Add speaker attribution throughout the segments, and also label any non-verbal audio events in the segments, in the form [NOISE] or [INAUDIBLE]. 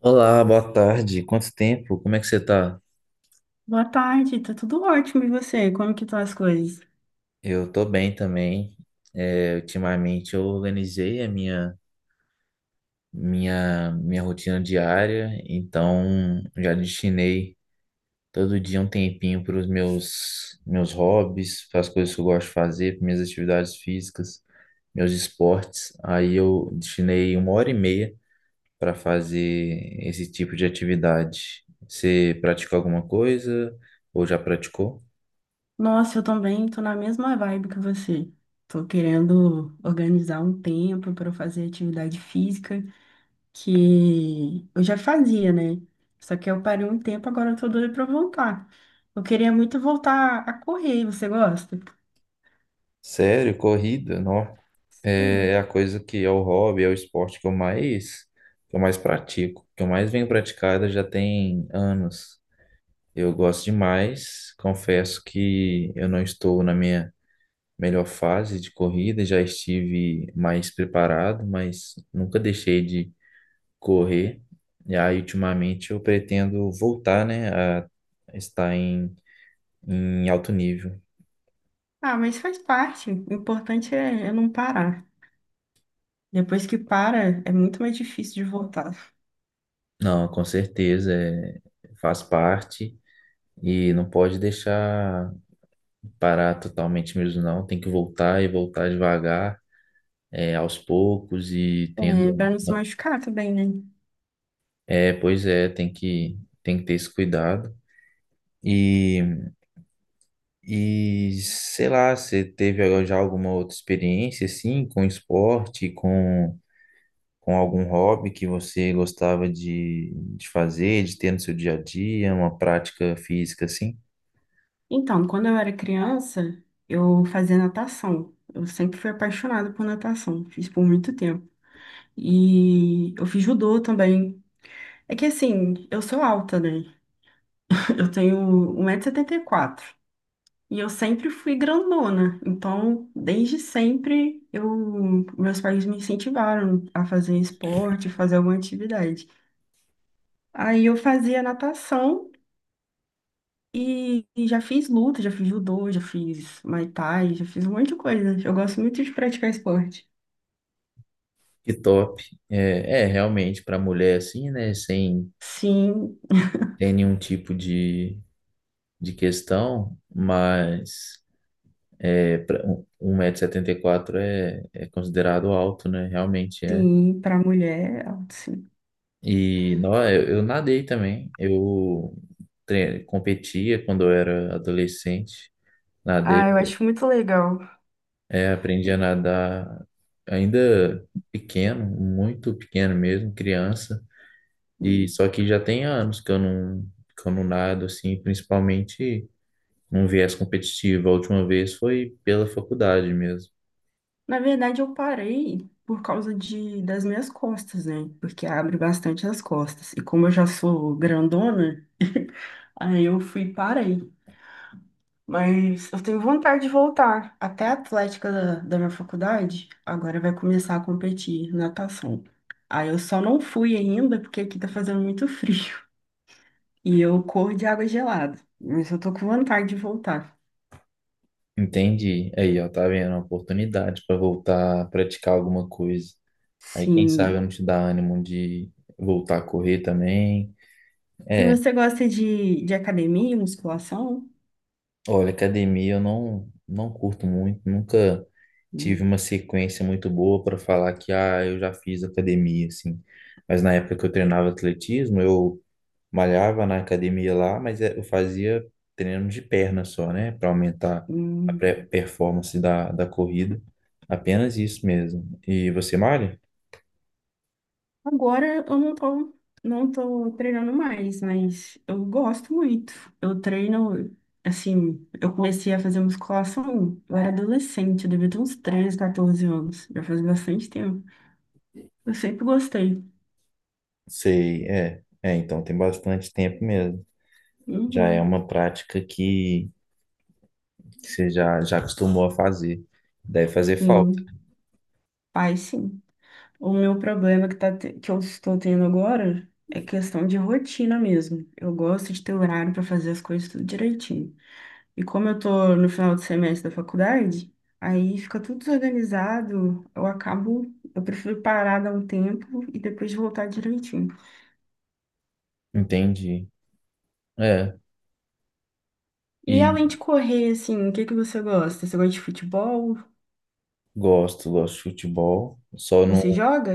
Speaker 1: Olá, boa tarde. Quanto tempo? Como é que você tá?
Speaker 2: Boa tarde, tá tudo ótimo. E você? Como que estão as coisas?
Speaker 1: Eu tô bem também. Ultimamente eu organizei a minha rotina diária, então já destinei todo dia um tempinho para os meus hobbies, para as coisas que eu gosto de fazer, para minhas atividades físicas, meus esportes. Aí eu destinei uma hora e meia para fazer esse tipo de atividade. Você pratica alguma coisa ou já praticou?
Speaker 2: Nossa, eu também tô na mesma vibe que você. Tô querendo organizar um tempo para eu fazer atividade física que eu já fazia, né? Só que eu parei um tempo, agora eu tô doida para voltar. Eu queria muito voltar a correr. Você gosta?
Speaker 1: Sério, corrida, não. É a
Speaker 2: Sim.
Speaker 1: coisa que é o hobby, é o esporte que eu mais pratico, que eu mais venho praticada já tem anos. Eu gosto demais, confesso que eu não estou na minha melhor fase de corrida, já estive mais preparado, mas nunca deixei de correr. E aí, ultimamente, eu pretendo voltar, né, a estar em alto nível.
Speaker 2: Ah, mas faz parte. O importante é não parar. Depois que para, é muito mais difícil de voltar.
Speaker 1: Não, com certeza, é, faz parte. E não pode deixar parar totalmente mesmo, não. Tem que voltar e voltar devagar, é, aos poucos e
Speaker 2: É,
Speaker 1: tendo.
Speaker 2: para não se machucar também, né?
Speaker 1: É, pois é, tem que ter esse cuidado. E, e sei lá, você teve já alguma outra experiência assim com esporte, com algum hobby que você gostava de fazer, de ter no seu dia a dia, uma prática física assim?
Speaker 2: Então, quando eu era criança, eu fazia natação. Eu sempre fui apaixonada por natação, fiz por muito tempo. E eu fiz judô também. É que assim, eu sou alta, né? [LAUGHS] Eu tenho 1,74 m. E eu sempre fui grandona. Então, desde sempre, meus pais me incentivaram a fazer esporte, fazer alguma atividade. Aí eu fazia natação. E já fiz luta, já fiz judô, já fiz muay thai, já fiz um monte de coisa. Eu gosto muito de praticar esporte.
Speaker 1: Que top. É realmente para mulher assim, né? Sem
Speaker 2: Sim,
Speaker 1: ter nenhum tipo de questão, mas 1,74 m é considerado alto, né? Realmente é.
Speaker 2: sim, para mulher, sim.
Speaker 1: E não, eu nadei também. Competia quando eu era adolescente. Nadei,
Speaker 2: Ah, eu acho muito legal.
Speaker 1: é, aprendi a nadar ainda pequeno, muito pequeno mesmo, criança. E
Speaker 2: Hum.
Speaker 1: só que já tem anos que eu não nado, assim, principalmente num viés competitivo. A última vez foi pela faculdade mesmo.
Speaker 2: Na verdade, eu parei por causa das minhas costas, né? Porque abre bastante as costas. E como eu já sou grandona, [LAUGHS] aí eu fui e parei. Mas eu tenho vontade de voltar. Até a atlética da minha faculdade agora vai começar a competir natação. Aí eu só não fui ainda porque aqui tá fazendo muito frio. [LAUGHS] E eu corro de água gelada. Mas eu tô com vontade de voltar.
Speaker 1: Entendi. Aí, ó, tá vendo? Uma oportunidade para voltar a praticar alguma coisa. Aí, quem sabe eu
Speaker 2: Sim.
Speaker 1: não te dá ânimo de voltar a correr também.
Speaker 2: E
Speaker 1: É,
Speaker 2: você gosta de academia, musculação?
Speaker 1: olha, academia eu não, não curto muito, nunca tive
Speaker 2: Hum,
Speaker 1: uma sequência muito boa para falar que, ah, eu já fiz academia, assim. Mas na época que eu treinava atletismo, eu malhava na academia lá, eu fazia treino de perna só, né? Para aumentar a
Speaker 2: hum.
Speaker 1: performance da corrida. Apenas isso mesmo. E você malha?
Speaker 2: Agora eu não tô treinando mais, mas eu gosto muito. Eu treino, assim, eu comecei a fazer musculação, eu era adolescente, eu devia ter uns 13 14 anos, já faz bastante tempo. Eu sempre gostei.
Speaker 1: Sei, é. É, então tem bastante tempo mesmo. Já é
Speaker 2: Uhum.
Speaker 1: uma prática que já acostumou a fazer. Deve fazer falta.
Speaker 2: Sim, faz sim. O meu problema que, tá, que eu estou tendo agora é questão de rotina mesmo. Eu gosto de ter horário para fazer as coisas tudo direitinho. E como eu tô no final do semestre da faculdade, aí fica tudo desorganizado, eu acabo, eu prefiro parar, dar um tempo e depois voltar direitinho.
Speaker 1: Entendi. É.
Speaker 2: E
Speaker 1: E
Speaker 2: além de correr, assim, o que que você gosta? Você gosta de futebol?
Speaker 1: gosto, gosto de futebol. Só não.
Speaker 2: Você joga?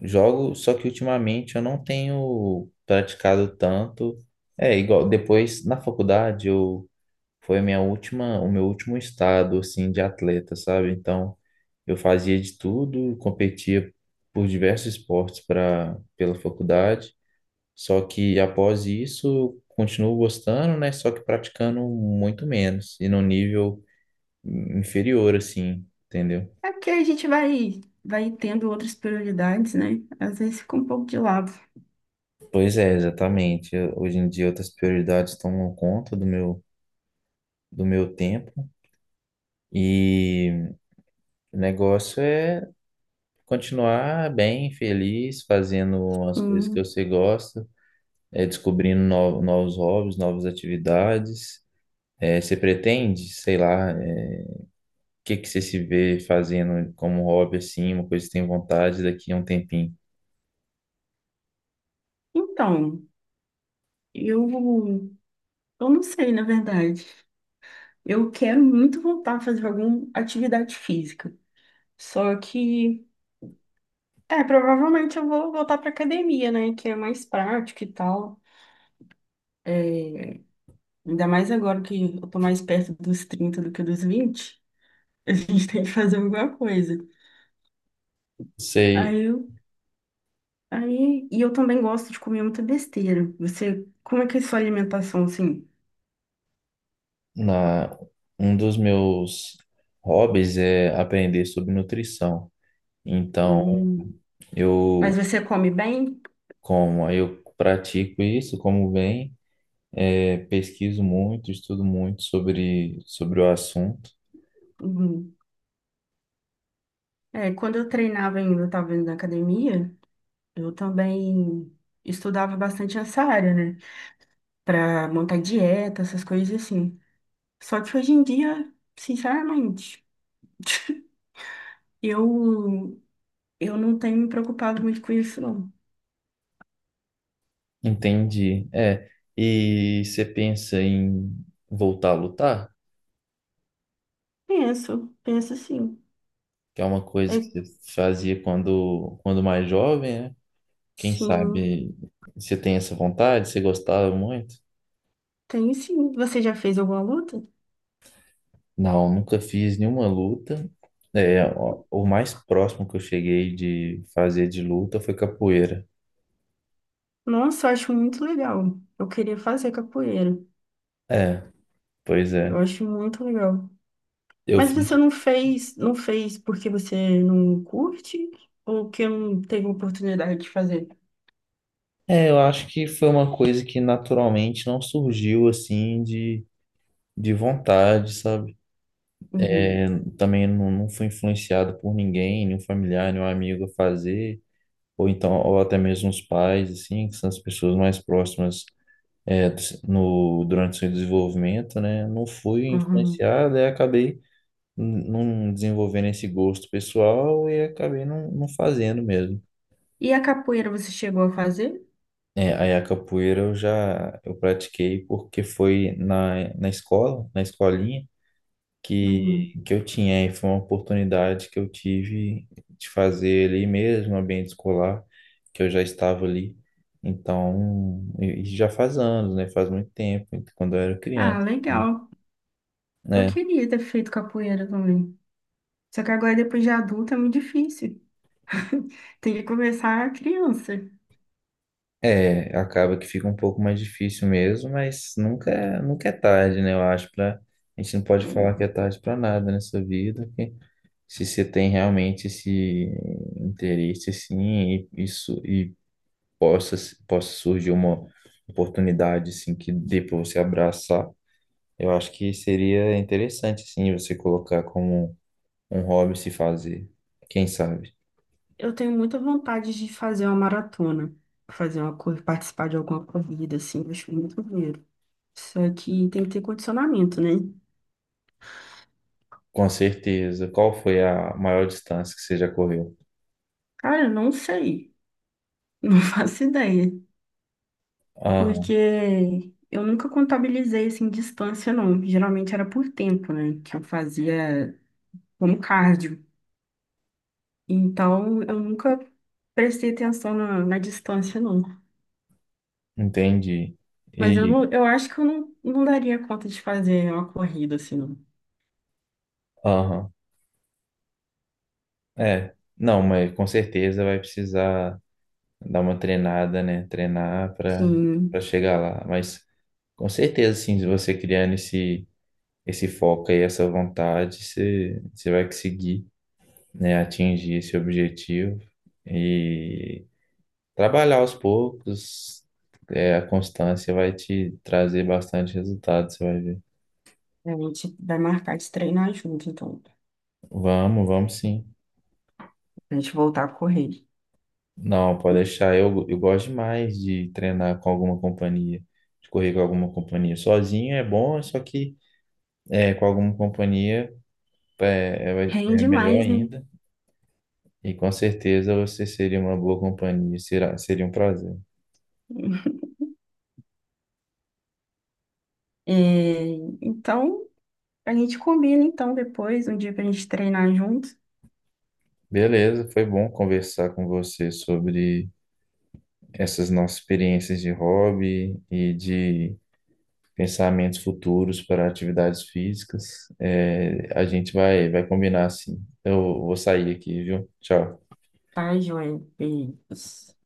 Speaker 1: Jogo, só que ultimamente eu não tenho praticado tanto. É igual, depois na faculdade eu foi a minha última, o meu último estado assim de atleta, sabe? Então eu fazia de tudo, competia por diversos esportes para pela faculdade. Só que após isso eu continuo gostando, né? Só que praticando muito menos e num nível inferior assim, entendeu?
Speaker 2: É porque a gente vai tendo outras prioridades, né? Às vezes fica um pouco de lado.
Speaker 1: Pois é, exatamente. Hoje em dia outras prioridades tomam conta do meu tempo. E o negócio é continuar bem, feliz, fazendo as coisas que
Speaker 2: Hum.
Speaker 1: você gosta, é, descobrindo novos hobbies, novas atividades. É, você pretende, sei lá, é, o que que você se vê fazendo como hobby, assim, uma coisa que tem vontade daqui a um tempinho?
Speaker 2: Então, eu, eu não sei, na verdade. Eu quero muito voltar a fazer alguma atividade física. Só que é, provavelmente eu vou voltar pra academia, né? Que é mais prático e tal. É, ainda mais agora que eu tô mais perto dos 30 do que dos 20. A gente [LAUGHS] tem que fazer alguma coisa.
Speaker 1: Sei,
Speaker 2: Aí eu, e eu também gosto de comer muita besteira. Você, como é que é a sua alimentação assim?
Speaker 1: na, um dos meus hobbies é aprender sobre nutrição. Então,
Speaker 2: Hum, mas
Speaker 1: eu
Speaker 2: você come bem?
Speaker 1: como, aí eu pratico isso, como bem. É, pesquiso muito, estudo muito sobre o assunto.
Speaker 2: Hum. É, quando eu treinava ainda, eu tava indo na academia, eu também estudava bastante essa área, né? Pra montar dieta, essas coisas assim. Só que hoje em dia, sinceramente, [LAUGHS] eu, eu não tenho me preocupado muito com isso, não.
Speaker 1: Entendi. É, e você pensa em voltar a lutar?
Speaker 2: Penso, penso sim.
Speaker 1: Que é uma coisa que
Speaker 2: É,
Speaker 1: você fazia quando mais jovem, né? Quem
Speaker 2: sim,
Speaker 1: sabe você tem essa vontade, você gostava muito?
Speaker 2: tenho sim. Você já fez alguma luta?
Speaker 1: Não, nunca fiz nenhuma luta. É, o mais próximo que eu cheguei de fazer de luta foi capoeira.
Speaker 2: Nossa, eu acho muito legal. Eu queria fazer capoeira.
Speaker 1: É, pois
Speaker 2: Eu
Speaker 1: é.
Speaker 2: acho muito legal.
Speaker 1: Eu
Speaker 2: Mas você
Speaker 1: fiz.
Speaker 2: não fez, não fez porque você não curte ou que não teve oportunidade de fazer?
Speaker 1: É, eu acho que foi uma coisa que naturalmente não surgiu assim de vontade, sabe?
Speaker 2: Uhum,
Speaker 1: É, também não fui influenciado por ninguém, nenhum familiar, nenhum amigo a fazer, ou até mesmo os pais, assim, que são as pessoas mais próximas é, do se- no, durante o seu desenvolvimento, né? Não fui
Speaker 2: uhum.
Speaker 1: influenciado e acabei não desenvolvendo esse gosto pessoal e acabei não fazendo mesmo.
Speaker 2: E a capoeira você chegou a fazer?
Speaker 1: É, aí a capoeira eu já eu pratiquei porque foi na escola, na escolinha,
Speaker 2: Uhum.
Speaker 1: que eu tinha. E foi uma oportunidade que eu tive de fazer ali mesmo, no ambiente escolar, que eu já estava ali. Então, e já faz anos, né? Faz muito tempo, quando eu era
Speaker 2: Ah,
Speaker 1: criança,
Speaker 2: legal. Eu
Speaker 1: né?
Speaker 2: queria ter feito capoeira também. Só que agora, depois de adulta, é muito difícil. [LAUGHS] Tem que começar criança.
Speaker 1: É, acaba que fica um pouco mais difícil mesmo, mas nunca, nunca é tarde, né? Eu acho para a gente não pode falar que é tarde para nada nessa vida, que se você tem realmente esse interesse assim, e isso e possa possa surgir uma oportunidade assim que dê para você abraçar, eu acho que seria interessante assim você colocar como um hobby se fazer, quem sabe.
Speaker 2: Eu tenho muita vontade de fazer uma maratona, fazer uma corrida, participar de alguma corrida, assim, eu acho muito maneiro. Só que tem que ter condicionamento, né?
Speaker 1: Com certeza. Qual foi a maior distância que você já correu?
Speaker 2: Cara, eu não sei, [LAUGHS] não faço ideia,
Speaker 1: Ah,
Speaker 2: porque eu nunca contabilizei, assim, distância, não. Geralmente era por tempo, né, que eu fazia como cardio. Então, eu nunca prestei atenção na distância, não.
Speaker 1: entendi.
Speaker 2: Mas eu,
Speaker 1: E,
Speaker 2: não, eu acho que eu não daria conta de fazer uma corrida assim, não.
Speaker 1: aham, é. Não, mas com certeza vai precisar dar uma treinada, né? Treinar para Para
Speaker 2: Sim,
Speaker 1: chegar lá. Mas com certeza, sim, se você criando esse foco aí, essa vontade, você vai conseguir, né, atingir esse objetivo e trabalhar aos poucos. É, a constância vai te trazer bastante resultado, você vai ver.
Speaker 2: a gente vai marcar de treinar junto, então,
Speaker 1: Vamos, vamos sim.
Speaker 2: a gente voltar a correr.
Speaker 1: Não, pode deixar. Eu gosto demais de treinar com alguma companhia, de correr com alguma companhia. Sozinho é bom, só que é, com alguma companhia é, é, é
Speaker 2: Rende
Speaker 1: melhor
Speaker 2: mais, né?
Speaker 1: ainda. E com certeza você seria uma boa companhia, será, seria um prazer.
Speaker 2: É, então, a gente combina, então, depois, um dia pra gente treinar junto,
Speaker 1: Beleza, foi bom conversar com você sobre essas nossas experiências de hobby e de pensamentos futuros para atividades físicas. É, a gente vai combinar assim. Eu vou sair aqui, viu? Tchau.
Speaker 2: tá, Joel? Beijos.